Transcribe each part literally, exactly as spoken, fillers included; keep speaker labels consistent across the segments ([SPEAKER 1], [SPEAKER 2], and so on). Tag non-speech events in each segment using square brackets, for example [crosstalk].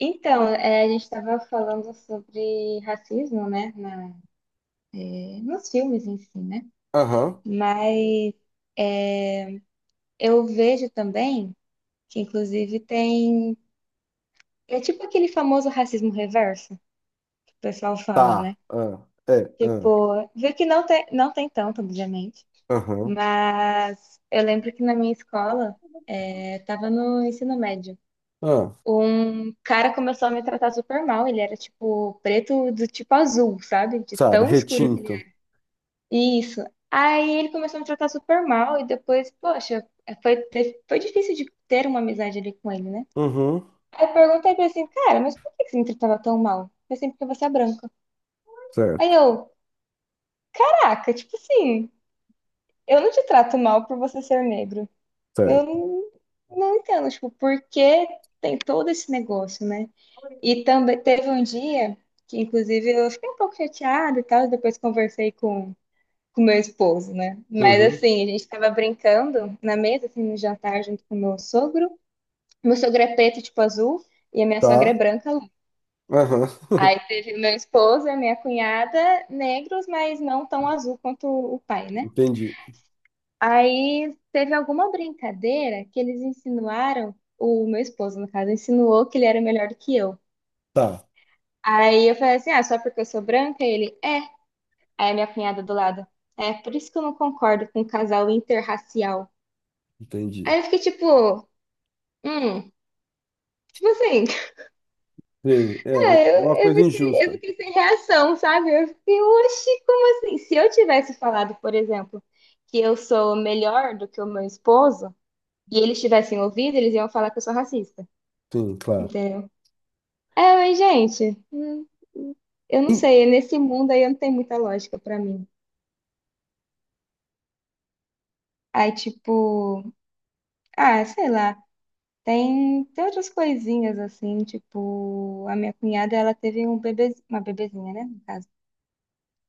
[SPEAKER 1] Então, é, a gente estava falando sobre racismo, né, na- nos filmes em si, né?
[SPEAKER 2] Aham,
[SPEAKER 1] Mas eu vejo também que, inclusive, tem. É tipo aquele famoso racismo reverso que o pessoal fala,
[SPEAKER 2] tá.
[SPEAKER 1] né?
[SPEAKER 2] Ah, é, ah,
[SPEAKER 1] Tipo, vê que não tem, não tem tanto, obviamente.
[SPEAKER 2] aham,
[SPEAKER 1] Mas eu lembro que na minha escola, eu tava no ensino médio.
[SPEAKER 2] ah,
[SPEAKER 1] Um cara começou a me tratar super mal. Ele era tipo preto do tipo azul, sabe? De
[SPEAKER 2] sabe,
[SPEAKER 1] tão escuro que ele
[SPEAKER 2] retinto.
[SPEAKER 1] Isso. Aí ele começou a me tratar super mal e depois, poxa, foi, te- foi difícil de ter uma amizade ali com ele, né?
[SPEAKER 2] Uhum,
[SPEAKER 1] Aí eu perguntei pra ele assim, cara, mas por que que você me tratava tão mal? Foi assim, porque você é branca. Aí
[SPEAKER 2] certo,
[SPEAKER 1] eu, caraca, tipo assim, eu não te trato mal por você ser negro. Eu
[SPEAKER 2] certo.
[SPEAKER 1] não, não entendo, tipo, por que tem todo esse negócio, né? E também teve um dia que, inclusive, eu fiquei um pouco chateada e tal, e depois conversei com com meu esposo, né? Mas
[SPEAKER 2] Uhum,
[SPEAKER 1] assim, a gente tava brincando na mesa, assim, no jantar, junto com meu sogro. Meu sogro é preto, tipo azul, e a minha sogra é
[SPEAKER 2] tá.
[SPEAKER 1] branca, loira.
[SPEAKER 2] Aham,
[SPEAKER 1] Aí
[SPEAKER 2] [laughs]
[SPEAKER 1] teve meu esposo e a minha cunhada, negros, mas não tão azul quanto o pai, né?
[SPEAKER 2] entendi.
[SPEAKER 1] Aí teve alguma brincadeira que eles insinuaram, o meu esposo, no caso, insinuou que ele era melhor do que eu.
[SPEAKER 2] Tá,
[SPEAKER 1] Aí eu falei assim, ah, só porque eu sou branca? Ele, é. Aí a minha cunhada do lado, é, por isso que eu não concordo com o casal interracial.
[SPEAKER 2] entendi.
[SPEAKER 1] Aí eu fiquei tipo, Hum, tipo assim,
[SPEAKER 2] Sim, é,
[SPEAKER 1] ah,
[SPEAKER 2] é é uma
[SPEAKER 1] eu, eu
[SPEAKER 2] coisa
[SPEAKER 1] fiquei, eu
[SPEAKER 2] injusta.
[SPEAKER 1] fiquei sem reação, sabe? Eu fiquei, oxi, como assim? Se eu tivesse falado, por exemplo, que eu sou melhor do que o meu esposo, e eles tivessem ouvido, eles iam falar que eu sou racista,
[SPEAKER 2] Sim, claro.
[SPEAKER 1] entendeu? É, mas, gente, hum, eu não
[SPEAKER 2] Em-
[SPEAKER 1] sei, nesse mundo aí não tem muita lógica pra mim. Aí, tipo, ah, sei lá, tem, tem outras coisinhas assim, tipo, a minha cunhada, ela teve um bebê, uma bebezinha, né, no caso.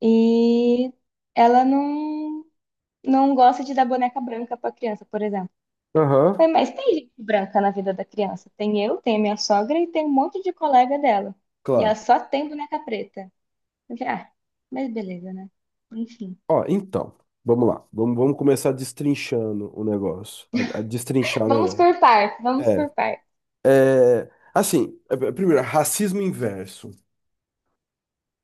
[SPEAKER 1] E ela não, não gosta de dar boneca branca para criança, por exemplo.
[SPEAKER 2] Aham,
[SPEAKER 1] Falei, mas tem gente branca na vida da criança. Tem eu, tem a minha sogra e tem um monte de colega dela. E ela
[SPEAKER 2] claro.
[SPEAKER 1] só tem boneca preta. Eu falei, ah, mas beleza, né? [laughs]
[SPEAKER 2] Ó, então, vamos lá. Vamos, vamos começar destrinchando o negócio. A, a destrinchar o
[SPEAKER 1] Vamos
[SPEAKER 2] negócio.
[SPEAKER 1] por parte, vamos por
[SPEAKER 2] É,
[SPEAKER 1] parte.
[SPEAKER 2] é, assim, é, primeiro, racismo inverso.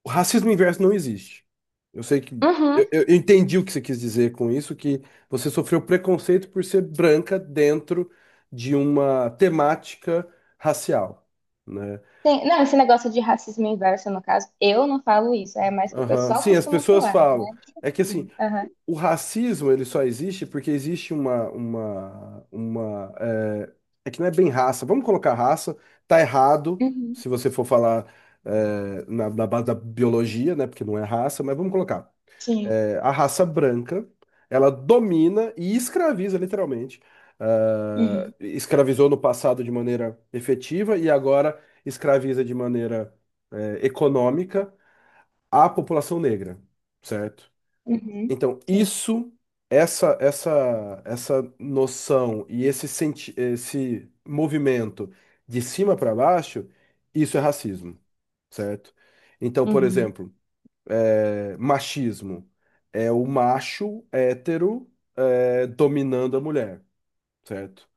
[SPEAKER 2] O racismo inverso não existe. Eu sei que.
[SPEAKER 1] Uhum.
[SPEAKER 2] Eu, eu- eu entendi o que você quis dizer com isso, que você sofreu preconceito por ser branca dentro de uma temática racial, né?
[SPEAKER 1] Tem- não, esse negócio de racismo inverso, no caso, eu não falo isso, é mais que o
[SPEAKER 2] Aham.
[SPEAKER 1] pessoal
[SPEAKER 2] Sim, as
[SPEAKER 1] costuma
[SPEAKER 2] pessoas
[SPEAKER 1] falar.
[SPEAKER 2] falam. É que assim,
[SPEAKER 1] Hum. Aham.
[SPEAKER 2] o o racismo, ele só existe porque existe uma, uma, uma, é, é que não é bem raça. Vamos colocar raça, tá errado
[SPEAKER 1] Uhum.
[SPEAKER 2] se você for falar é, na, na, base da biologia, né? Porque não é raça, mas vamos colocar.
[SPEAKER 1] Sim.
[SPEAKER 2] é, a raça branca, ela domina e escraviza, literalmente. Ah,
[SPEAKER 1] Uhum.
[SPEAKER 2] escravizou no passado de maneira efetiva e agora escraviza de maneira, é, econômica, a população negra, certo?
[SPEAKER 1] Uhum.
[SPEAKER 2] Então,
[SPEAKER 1] Sim.
[SPEAKER 2] isso, essa, essa, essa noção e esse, senti esse movimento de cima para baixo, isso é racismo, certo? Então, por
[SPEAKER 1] Uhum.
[SPEAKER 2] exemplo é, machismo. É o macho hétero é, dominando a mulher, certo?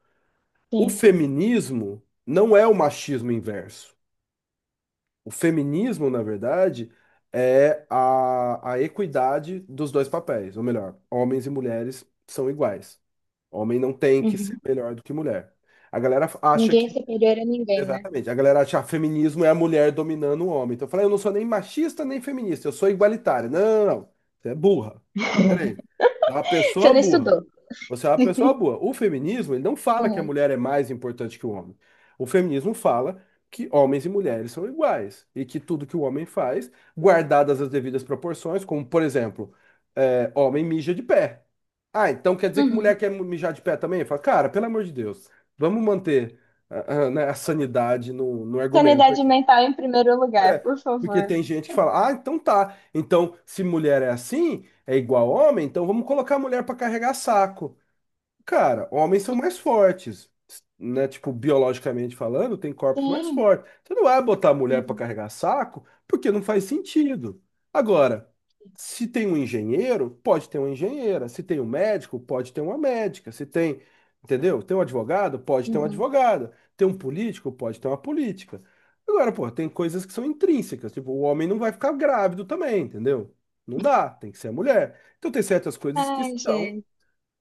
[SPEAKER 2] O
[SPEAKER 1] Sim.
[SPEAKER 2] feminismo não é o machismo inverso. O feminismo, na verdade, é a, a equidade dos dois papéis, ou melhor, homens e mulheres são iguais. Homem não tem que ser
[SPEAKER 1] Uhum.
[SPEAKER 2] melhor do que mulher. A galera acha que.
[SPEAKER 1] Ninguém é superior a ninguém, né?
[SPEAKER 2] Exatamente. A galera acha que feminismo é a mulher dominando o homem. Então eu falei: "Ah, eu não sou nem machista nem feminista, eu sou igualitária." Não, não, não. Você é burra. Peraí. Você é uma
[SPEAKER 1] Você
[SPEAKER 2] pessoa
[SPEAKER 1] não
[SPEAKER 2] burra.
[SPEAKER 1] estudou.
[SPEAKER 2] Você é uma pessoa boa. O feminismo, ele não fala que a
[SPEAKER 1] Uhum.
[SPEAKER 2] mulher é mais importante que o homem. O feminismo fala que homens e mulheres são iguais e que tudo que o homem faz, guardadas as devidas proporções, como, por exemplo, é, homem mija de pé. Ah, então quer dizer que mulher
[SPEAKER 1] Uhum.
[SPEAKER 2] quer mijar de pé também? Fala, cara, pelo amor de Deus, vamos manter, ah, ah, né, a sanidade no, no argumento
[SPEAKER 1] Sanidade
[SPEAKER 2] aqui.
[SPEAKER 1] mental em primeiro lugar, por
[SPEAKER 2] Porque
[SPEAKER 1] favor.
[SPEAKER 2] tem gente que fala, ah, então tá. Então, se mulher é assim, é igual homem, então vamos colocar a mulher para carregar saco. Cara, homens são mais fortes, né? Tipo, biologicamente falando, tem corpos mais
[SPEAKER 1] Sim.
[SPEAKER 2] fortes. Você não vai botar mulher para
[SPEAKER 1] Uhum.
[SPEAKER 2] carregar saco, porque não faz sentido. Agora, se tem um engenheiro, pode ter uma engenheira. Se tem um médico, pode ter uma médica. Se tem, entendeu? Tem um advogado, pode ter uma
[SPEAKER 1] Uhum.
[SPEAKER 2] advogada. Tem um político, pode ter uma política. Agora, pô, tem coisas que são intrínsecas. Tipo, o homem não vai ficar grávido também, entendeu? Não dá, tem que ser a mulher. Então tem certas coisas que
[SPEAKER 1] Ai,
[SPEAKER 2] são
[SPEAKER 1] gente.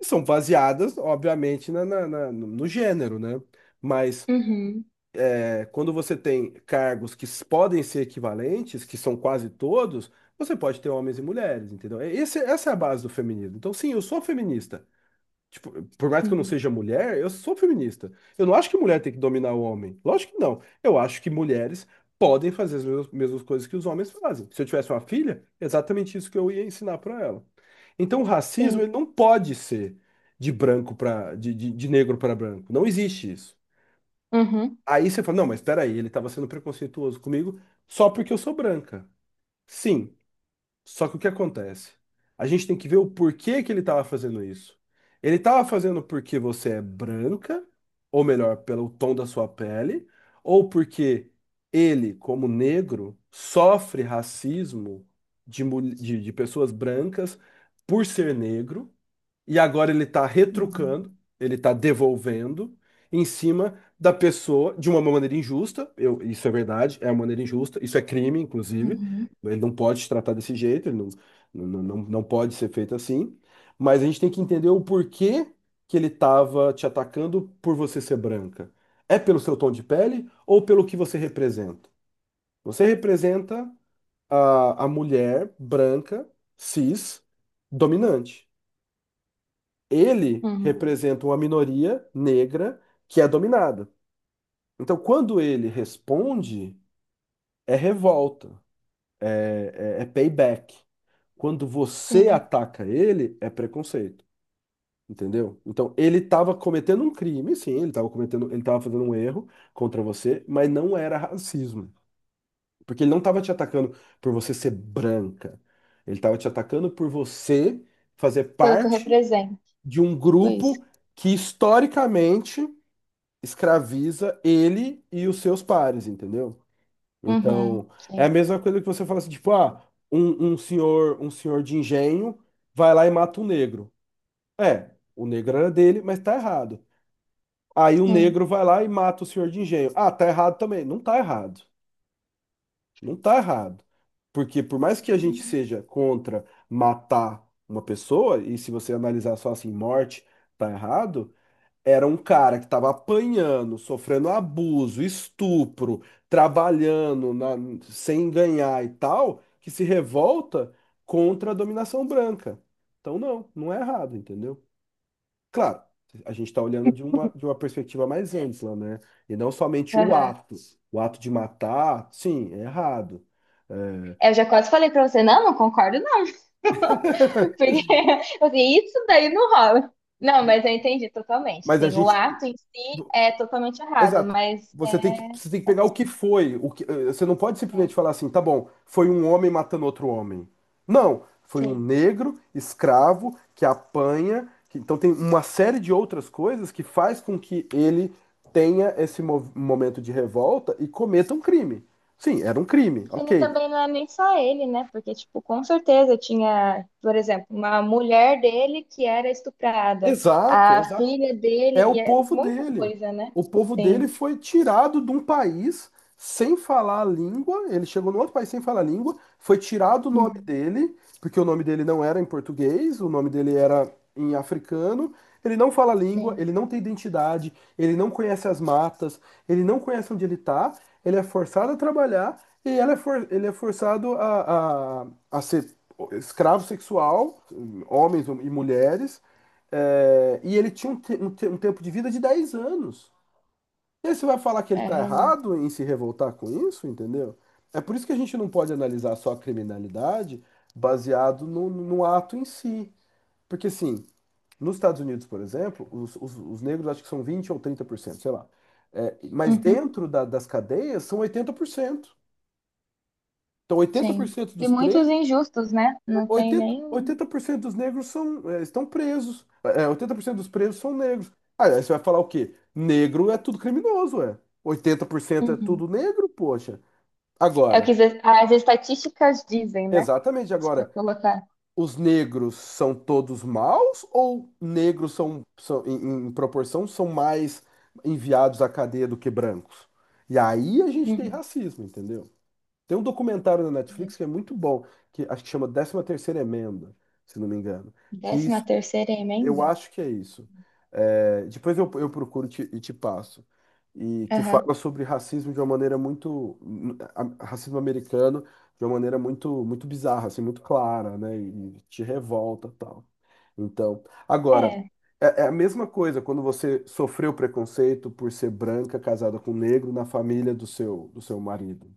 [SPEAKER 2] são baseadas, obviamente, na, na- na- no no gênero, né? Mas
[SPEAKER 1] Uhum.
[SPEAKER 2] é, quando você tem cargos que s- podem ser equivalentes, que são quase todos, você pode ter homens e mulheres, entendeu? É- Esse- essa é a base do feminismo. Então, sim, eu sou feminista. Tipo, por mais que eu não
[SPEAKER 1] Uhum.
[SPEAKER 2] seja mulher, eu sou feminista. Eu não acho que mulher tem que dominar o homem. Lógico que não. Eu acho que mulheres podem fazer as mesmas, mesmas coisas que os homens fazem. Se eu tivesse uma filha, exatamente isso que eu ia ensinar para ela. Então, o racismo,
[SPEAKER 1] Sim.
[SPEAKER 2] ele não pode ser de branco para de, de, de negro, para branco. Não existe isso.
[SPEAKER 1] Uhum.
[SPEAKER 2] Aí você fala: não, mas espera aí, ele estava sendo preconceituoso comigo só porque eu sou branca. Sim. Só que o que acontece? A gente tem que ver o porquê que ele estava fazendo isso. Ele estava fazendo porque você é branca, ou melhor, pelo tom da sua pele, ou porque ele, como negro, sofre racismo de, mul- de, de pessoas brancas por ser negro, e agora ele está
[SPEAKER 1] Uhum.
[SPEAKER 2] retrucando, ele está devolvendo em cima da pessoa de uma maneira injusta. Eu- isso é verdade, é uma maneira injusta, isso é crime, inclusive.
[SPEAKER 1] Uhum.
[SPEAKER 2] Ele não pode se tratar desse jeito. Ele não, não, não, não pode ser feito assim. Mas a gente tem que entender o porquê que ele estava te atacando por você ser branca. É pelo seu tom de pele ou pelo que você representa? Você representa a, a mulher branca, cis, dominante. Ele
[SPEAKER 1] Uhum.
[SPEAKER 2] representa uma minoria negra que é dominada. Então, quando ele responde, é revolta, é, é é payback. Quando você
[SPEAKER 1] Sim.
[SPEAKER 2] ataca ele, é preconceito. Entendeu? Então, ele estava cometendo um crime, sim, ele estava cometendo, ele estava fazendo um erro contra você, mas não era racismo. Porque ele não estava te atacando por você ser branca. Ele estava te atacando por você fazer
[SPEAKER 1] Pelo que eu
[SPEAKER 2] parte
[SPEAKER 1] represento.
[SPEAKER 2] de um
[SPEAKER 1] Tipo isso.
[SPEAKER 2] grupo que historicamente escraviza ele e os seus pares, entendeu?
[SPEAKER 1] Uhum.
[SPEAKER 2] Então, é a
[SPEAKER 1] Sim.
[SPEAKER 2] mesma coisa que você fala assim, tipo, ah, um, um senhor, um senhor de engenho vai lá e mata um negro. É, o negro era dele, mas tá errado. Aí o
[SPEAKER 1] Sim.
[SPEAKER 2] negro vai lá e mata o senhor de engenho. Ah, tá errado também. Não tá errado. Não tá errado. Porque por mais que a gente
[SPEAKER 1] Uhum.
[SPEAKER 2] seja contra matar uma pessoa, e se você analisar só assim, morte, tá errado, era um cara que estava apanhando, sofrendo abuso, estupro, trabalhando, na- sem ganhar e tal, que se revolta contra a dominação branca. Então, não, não é errado, entendeu? Claro, a gente está olhando de uma, de uma, perspectiva mais ampla, né? E não somente o
[SPEAKER 1] É,
[SPEAKER 2] ato. O ato de matar, sim, é errado. É,
[SPEAKER 1] eu já quase falei pra você, não, não concordo, não. [laughs]
[SPEAKER 2] [laughs]
[SPEAKER 1] Porque, [laughs] assim, isso daí não rola. Não, mas eu entendi totalmente.
[SPEAKER 2] mas a
[SPEAKER 1] Sim, o
[SPEAKER 2] gente.
[SPEAKER 1] ato em si é totalmente errado,
[SPEAKER 2] Exato.
[SPEAKER 1] mas
[SPEAKER 2] Você tem que,
[SPEAKER 1] é.
[SPEAKER 2] você tem que pegar o que foi. O que, eh, você não pode
[SPEAKER 1] Né,
[SPEAKER 2] simplesmente falar assim, tá bom, foi um homem matando outro homem. Não, foi um
[SPEAKER 1] sim.
[SPEAKER 2] negro escravo que apanha. que- então tem uma série de outras coisas que faz com que ele tenha esse mo- momento de revolta e cometa um crime. Sim, era um crime,
[SPEAKER 1] E que ele
[SPEAKER 2] ok.
[SPEAKER 1] também não é nem só ele, né? Porque, tipo, com certeza tinha, por exemplo, uma mulher dele que era estuprada,
[SPEAKER 2] Exato,
[SPEAKER 1] a
[SPEAKER 2] exato.
[SPEAKER 1] filha dele,
[SPEAKER 2] É o
[SPEAKER 1] e é
[SPEAKER 2] povo
[SPEAKER 1] muita
[SPEAKER 2] dele.
[SPEAKER 1] coisa, né?
[SPEAKER 2] O povo dele
[SPEAKER 1] Sim,
[SPEAKER 2] foi tirado de um país sem falar a língua. Ele chegou num outro país sem falar a língua. Foi tirado o nome
[SPEAKER 1] uhum,
[SPEAKER 2] dele, porque o nome dele não era em português, o nome dele era em africano. Ele não fala a língua,
[SPEAKER 1] sim.
[SPEAKER 2] ele não tem identidade, ele não conhece as matas, ele não conhece onde ele está. Ele é forçado a trabalhar e ela é for- ele é forçado a, a, a ser escravo sexual, homens e mulheres. É, e ele tinha um, te- um te- um tempo de vida de dez anos. E aí você vai falar que ele
[SPEAKER 1] É
[SPEAKER 2] tá
[SPEAKER 1] realmente.
[SPEAKER 2] errado em se revoltar com isso, entendeu? É por isso que a gente não pode analisar só a criminalidade baseado no, no ato em si. Porque, assim, nos Estados Unidos, por exemplo, os, os- os negros, acho que são vinte ou trinta por cento, sei lá. É, mas
[SPEAKER 1] Uhum,
[SPEAKER 2] dentro da- das cadeias são oitenta por cento. Então, oitenta por
[SPEAKER 1] sim.
[SPEAKER 2] cento
[SPEAKER 1] E
[SPEAKER 2] dos
[SPEAKER 1] muitos
[SPEAKER 2] presos.
[SPEAKER 1] injustos, né? Não tem
[SPEAKER 2] Oitenta
[SPEAKER 1] nem.
[SPEAKER 2] oitenta por cento dos negros, são, eh, estão presos. É, oitenta por cento dos presos são negros. Ah, aí você vai falar o quê? Negro é tudo criminoso, é. Oitenta por cento é
[SPEAKER 1] Uhum.
[SPEAKER 2] tudo negro, poxa.
[SPEAKER 1] É o
[SPEAKER 2] Agora,
[SPEAKER 1] que as as estatísticas dizem, né?
[SPEAKER 2] exatamente
[SPEAKER 1] Se for
[SPEAKER 2] agora,
[SPEAKER 1] colocar.
[SPEAKER 2] os negros são todos maus, ou negros são, são em, em proporção, são mais enviados à cadeia do que brancos? E aí a gente tem
[SPEAKER 1] Uhum.
[SPEAKER 2] racismo, entendeu? Tem um documentário na Netflix que é muito bom, que acho que chama Décima Terceira Emenda, se não me engano, que
[SPEAKER 1] Décima terceira
[SPEAKER 2] eu
[SPEAKER 1] emenda?
[SPEAKER 2] acho que é isso. É, depois eu, eu procuro, te- e te passo. E que
[SPEAKER 1] Aham.
[SPEAKER 2] fala sobre racismo de uma maneira muito, hum, a- racismo americano de uma maneira muito, muito bizarra, assim, muito clara, né? E te revolta, tal. Então, agora,
[SPEAKER 1] É.
[SPEAKER 2] é, é a mesma coisa quando você sofreu preconceito por ser branca, casada com negro na família do seu, do seu marido.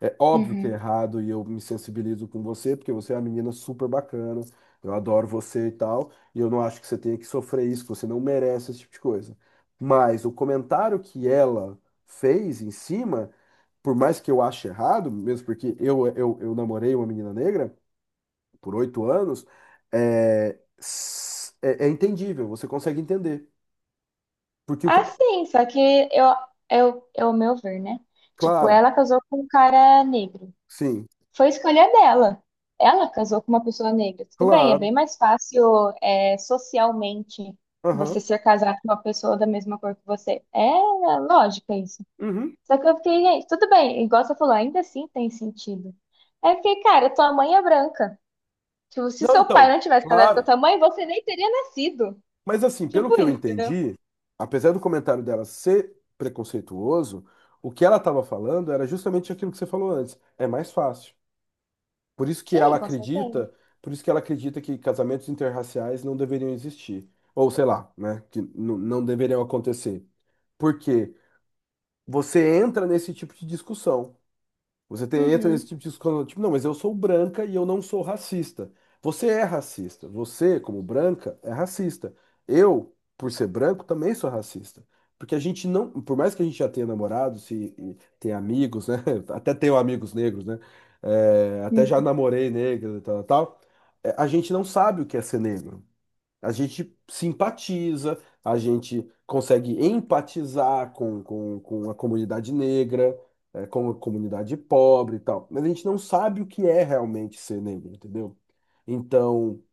[SPEAKER 2] É óbvio que é
[SPEAKER 1] Uhum.
[SPEAKER 2] errado e eu me sensibilizo com você, porque você é uma menina super bacana, eu adoro você e tal, e eu não acho que você tenha que sofrer isso, que você não merece esse tipo de coisa. Mas o comentário que ela fez em cima, por mais que eu ache errado, mesmo porque eu, eu, eu namorei uma menina negra por oito anos, é, s- é, é entendível, você consegue entender. Porque o que.
[SPEAKER 1] Ah, sim, só que eu, eu, é o meu ver, né? Tipo,
[SPEAKER 2] Claro,
[SPEAKER 1] ela casou com um cara negro.
[SPEAKER 2] sim,
[SPEAKER 1] Foi escolha dela. Ela casou com uma pessoa negra. Tudo bem, é bem
[SPEAKER 2] claro,
[SPEAKER 1] mais fácil, é, socialmente você
[SPEAKER 2] aham,
[SPEAKER 1] ser casado com uma pessoa da mesma cor que você. É é lógica isso.
[SPEAKER 2] uhum.
[SPEAKER 1] Só que eu fiquei, gente, tudo bem, igual você falou, ainda assim tem sentido. Aí eu fiquei, cara, tua mãe é branca. Tipo, se
[SPEAKER 2] Não,
[SPEAKER 1] seu pai
[SPEAKER 2] então,
[SPEAKER 1] não tivesse casado com a
[SPEAKER 2] claro.
[SPEAKER 1] tua mãe, você nem teria nascido.
[SPEAKER 2] Mas assim, pelo
[SPEAKER 1] Tipo
[SPEAKER 2] que eu
[SPEAKER 1] isso, entendeu?
[SPEAKER 2] entendi, apesar do comentário dela ser preconceituoso, o que ela estava falando era justamente aquilo que você falou antes. É mais fácil. Por isso que
[SPEAKER 1] Sim,
[SPEAKER 2] ela
[SPEAKER 1] com certeza.
[SPEAKER 2] acredita, por isso que ela acredita que casamentos interraciais não deveriam existir. Ou sei lá, né? Que n- não deveriam acontecer. Porque você entra nesse tipo de discussão. Você tem, entra nesse
[SPEAKER 1] Uhum,
[SPEAKER 2] tipo de discussão, tipo, não, mas eu sou branca e eu não sou racista. Você é racista. Você, como branca, é racista. Eu, por ser branco, também sou racista. Porque a gente não, por mais que a gente já tenha namorados e, e tenha amigos, né? [laughs] Até tenho amigos negros, né? É, até já
[SPEAKER 1] uhum,
[SPEAKER 2] namorei negro e tal, tal. é, A gente não sabe o que é ser negro. A gente simpatiza, a gente consegue empatizar com, com, com a comunidade negra, eh, com a comunidade pobre e tal, mas a gente não sabe o que é realmente ser negro, entendeu? Então,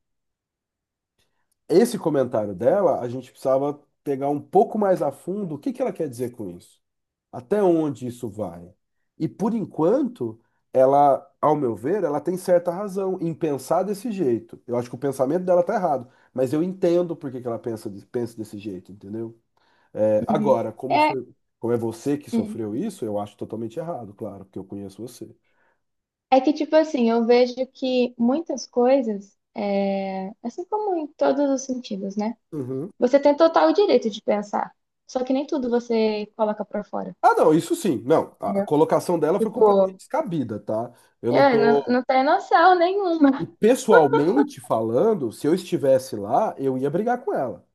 [SPEAKER 2] esse comentário dela, a gente precisava pegar um pouco mais a fundo o que que ela quer dizer com isso. Até onde isso vai? E por enquanto, ela, ao meu ver, ela tem certa razão em pensar desse jeito. Eu acho que o pensamento dela tá errado, mas eu entendo por que que ela pensa, de- pensa desse jeito, entendeu? É,
[SPEAKER 1] uhum,
[SPEAKER 2] agora, como
[SPEAKER 1] é,
[SPEAKER 2] foi, como é você que sofreu
[SPEAKER 1] uhum.
[SPEAKER 2] isso, eu acho totalmente errado, claro, porque eu conheço você.
[SPEAKER 1] É que, tipo assim, eu vejo que muitas coisas, é, assim como em todos os sentidos, né?
[SPEAKER 2] Uhum.
[SPEAKER 1] Você tem total direito de pensar. Só que nem tudo você coloca pra fora,
[SPEAKER 2] Ah, não, isso sim. Não, a a
[SPEAKER 1] entendeu?
[SPEAKER 2] colocação dela foi completamente
[SPEAKER 1] Tipo,
[SPEAKER 2] descabida, tá? Eu não
[SPEAKER 1] eu não,
[SPEAKER 2] tô.
[SPEAKER 1] não tenho noção
[SPEAKER 2] E
[SPEAKER 1] nenhuma.
[SPEAKER 2] pessoalmente falando, se eu estivesse lá, eu ia brigar com ela.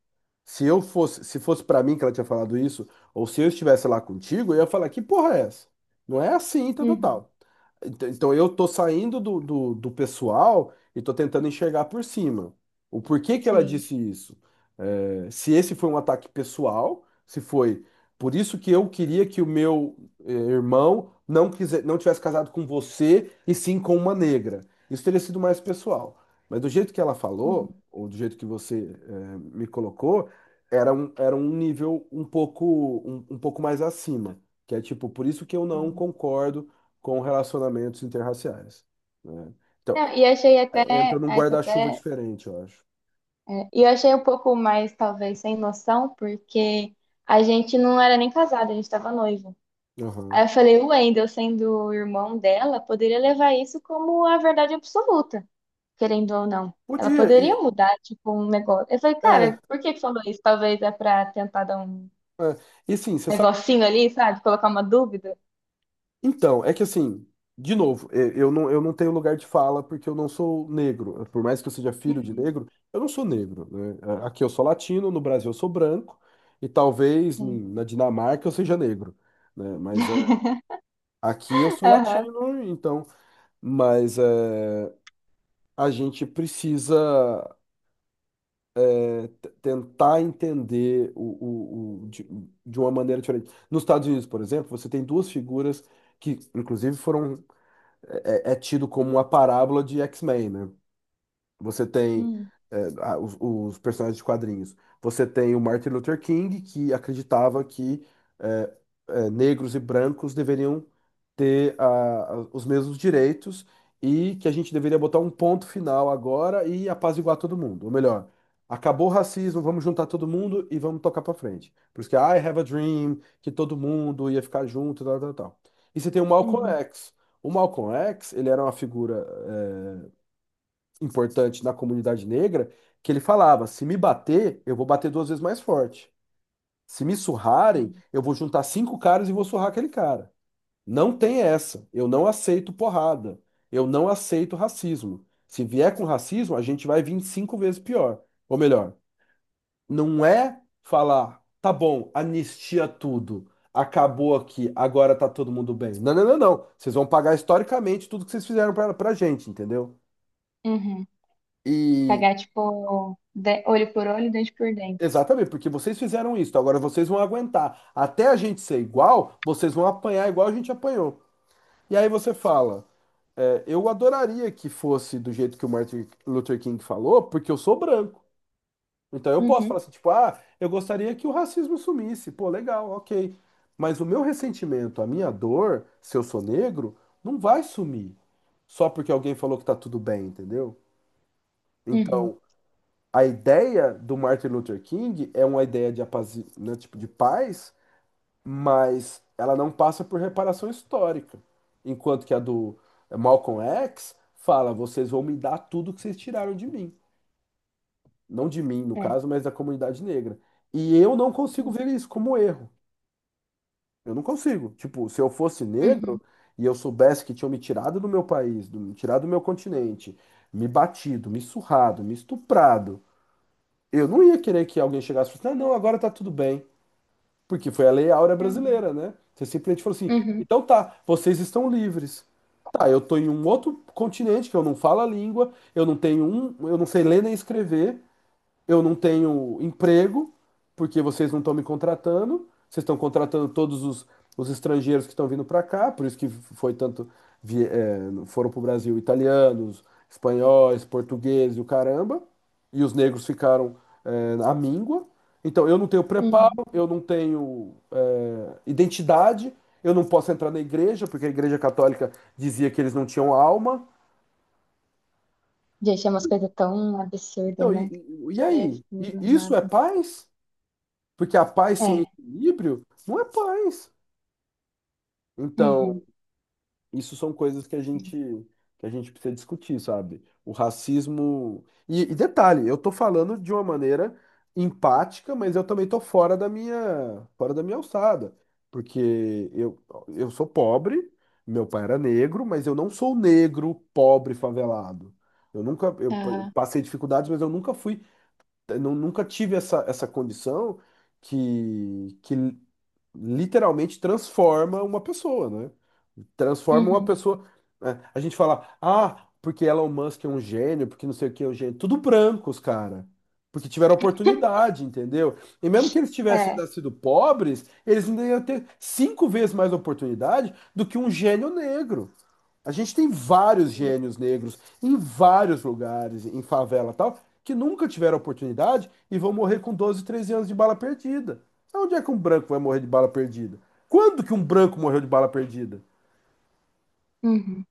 [SPEAKER 2] Se eu fosse, se fosse pra mim que ela tinha falado isso, ou se eu estivesse lá contigo, eu ia falar, que porra é essa? Não é assim, tal, tal,
[SPEAKER 1] Uhum.
[SPEAKER 2] tal. Então então eu tô saindo do, do, do pessoal e tô tentando enxergar por cima. O porquê que ela
[SPEAKER 1] Sim.
[SPEAKER 2] disse isso? É, se esse foi um ataque pessoal, se foi por isso que eu queria que o meu eh, irmão não quiser, não tivesse casado com você e sim com uma negra. Isso teria sido mais pessoal. Mas do jeito que ela falou,
[SPEAKER 1] Uhum.
[SPEAKER 2] ou do jeito que você eh, me colocou, era um, era um nível um pouco, um um pouco mais acima. Que é tipo, por isso que eu não concordo com relacionamentos interraciais, né? Então,
[SPEAKER 1] Não, e achei
[SPEAKER 2] é- entra
[SPEAKER 1] até,
[SPEAKER 2] num
[SPEAKER 1] aí tô
[SPEAKER 2] guarda-chuva
[SPEAKER 1] até,
[SPEAKER 2] diferente, eu acho.
[SPEAKER 1] e eu achei um pouco mais, talvez, sem noção, porque a gente não era nem casado, a gente estava noivo.
[SPEAKER 2] Aham.
[SPEAKER 1] Aí eu falei, o Wendel, sendo o irmão dela, poderia levar isso como a verdade absoluta, querendo ou não. Ela
[SPEAKER 2] Podia,
[SPEAKER 1] poderia
[SPEAKER 2] e,
[SPEAKER 1] mudar, tipo, um negócio. Eu falei,
[SPEAKER 2] é,
[SPEAKER 1] cara, por que que falou isso? Talvez é pra tentar dar um
[SPEAKER 2] é. E sim, você sabe.
[SPEAKER 1] negocinho ali, sabe? Colocar uma dúvida.
[SPEAKER 2] Então, é que assim, de novo, e- eu não, eu não tenho lugar de fala porque eu não sou negro. Por mais que eu seja filho de negro, eu não sou negro, né? Aqui eu sou latino, no Brasil eu sou branco, e talvez
[SPEAKER 1] Sim.
[SPEAKER 2] em- na Dinamarca eu seja negro, né? Mas é, aqui eu sou
[SPEAKER 1] Aham.
[SPEAKER 2] latino, então. Mas é, a gente precisa. É, t- tentar entender o, o, o- de, de uma maneira diferente. Nos Estados Unidos, por exemplo, você tem duas figuras que, inclusive, foram é, é é tido como a parábola de X-Men, né? Você tem
[SPEAKER 1] Uhum.
[SPEAKER 2] é, a- os, os personagens de quadrinhos. Você tem o Martin Luther King, que acreditava que é, é, negros e brancos deveriam ter a- a- os mesmos direitos e que a gente deveria botar um ponto final agora e apaziguar todo mundo. Ou melhor, acabou o racismo, vamos juntar todo mundo e vamos tocar para frente. Por isso que I Have a Dream, que todo mundo ia ficar junto, tal, tal, tal. E você tem o Malcolm
[SPEAKER 1] Uhum.
[SPEAKER 2] X. O Malcolm X, ele era uma figura eh, importante na comunidade negra, que ele falava: se me bater, eu vou bater duas vezes mais forte. Se me surrarem, eu vou juntar cinco caras e vou surrar aquele cara. Não tem essa. Eu não aceito porrada. Eu não aceito racismo. Se vier com racismo, a gente vai vir cinco vezes pior. Ou melhor, não é falar, tá bom, anistia tudo. Acabou aqui, agora tá todo mundo bem. Não, não, não, não. Vocês vão pagar historicamente tudo que vocês fizeram pra, pra gente, entendeu?
[SPEAKER 1] Uhum.
[SPEAKER 2] E
[SPEAKER 1] Pagar, tipo, de- olho por olho, dente por dente.
[SPEAKER 2] exatamente, porque vocês fizeram isso, então agora vocês vão aguentar. Até a gente ser igual, vocês vão apanhar igual a gente apanhou. E aí você fala, é, eu adoraria que fosse do jeito que o Martin Luther King falou, porque eu sou branco. Então eu posso falar
[SPEAKER 1] Uhum,
[SPEAKER 2] assim, tipo, ah, eu gostaria que o racismo sumisse. Pô, legal, ok. Mas o meu ressentimento, a minha dor, se eu sou negro, não vai sumir só porque alguém falou que tá tudo bem, entendeu?
[SPEAKER 1] uhum,
[SPEAKER 2] Então, a ideia do Martin Luther King é uma ideia de, apazi... né, tipo, de paz mas ela não passa por reparação histórica. Enquanto que a do Malcolm X fala: vocês vão me dar tudo que vocês tiraram de mim. Não de mim, no
[SPEAKER 1] é.
[SPEAKER 2] caso, mas da comunidade negra. E eu não consigo
[SPEAKER 1] Uhum,
[SPEAKER 2] ver isso como erro. Eu não consigo. Tipo, se eu fosse negro
[SPEAKER 1] uhum,
[SPEAKER 2] e eu soubesse que tinham me tirado do meu país, do, me tirado do meu continente, me batido, me surrado, me estuprado, eu não ia querer que alguém chegasse e falasse: não, não, agora tá tudo bem. Porque foi a Lei Áurea
[SPEAKER 1] realmente.
[SPEAKER 2] brasileira, né? Você simplesmente falou assim:
[SPEAKER 1] Uhum,
[SPEAKER 2] então tá, vocês estão livres. Tá, eu tô em um outro continente que eu não falo a língua, eu não tenho um, eu não sei ler nem escrever, eu não tenho emprego, porque vocês não estão me contratando, vocês estão contratando todos os, os estrangeiros que estão vindo para cá, por isso que foi tanto, vi- é, foram para o Brasil italianos, espanhóis, portugueses e o caramba, e os negros ficaram, é, à míngua. Então, eu não tenho preparo,
[SPEAKER 1] uhum.
[SPEAKER 2] eu não tenho, é, identidade, eu não posso entrar na igreja, porque a igreja católica dizia que eles não tinham alma.
[SPEAKER 1] Gente, é umas coisas tão absurdas,
[SPEAKER 2] Então, e,
[SPEAKER 1] né?
[SPEAKER 2] e e aí?
[SPEAKER 1] Jesus
[SPEAKER 2] E isso
[SPEAKER 1] amado.
[SPEAKER 2] é paz? Porque a paz sem
[SPEAKER 1] É.
[SPEAKER 2] equilíbrio não é paz.
[SPEAKER 1] Uhum,
[SPEAKER 2] Então, isso são coisas que a gente que a gente precisa discutir, sabe? O racismo. E, e detalhe, eu tô falando de uma maneira empática, mas eu também tô fora da minha fora da minha alçada, porque eu eu sou pobre, meu pai era negro, mas eu não sou negro, pobre, favelado. Eu nunca eu p-
[SPEAKER 1] aham,
[SPEAKER 2] passei dificuldades, mas eu nunca fui, eu nu- nunca tive essa essa condição que, que literalmente transforma uma pessoa, né? Transforma uma
[SPEAKER 1] uhum.
[SPEAKER 2] pessoa. Né? A gente fala, ah, porque Elon Musk é um gênio, porque não sei o que é um gênio. Tudo brancos, cara. Porque tiveram
[SPEAKER 1] [laughs]
[SPEAKER 2] oportunidade, entendeu? E mesmo que eles tivessem
[SPEAKER 1] É.
[SPEAKER 2] nascido pobres, eles ainda iam ter cinco vezes mais oportunidade do que um gênio negro. A gente tem vários gênios negros em vários lugares, em favela e tal, que nunca tiveram oportunidade e vão morrer com doze, treze anos de bala perdida. Onde é que um branco vai morrer de bala perdida? Quando que um branco morreu de bala perdida?
[SPEAKER 1] Uhum.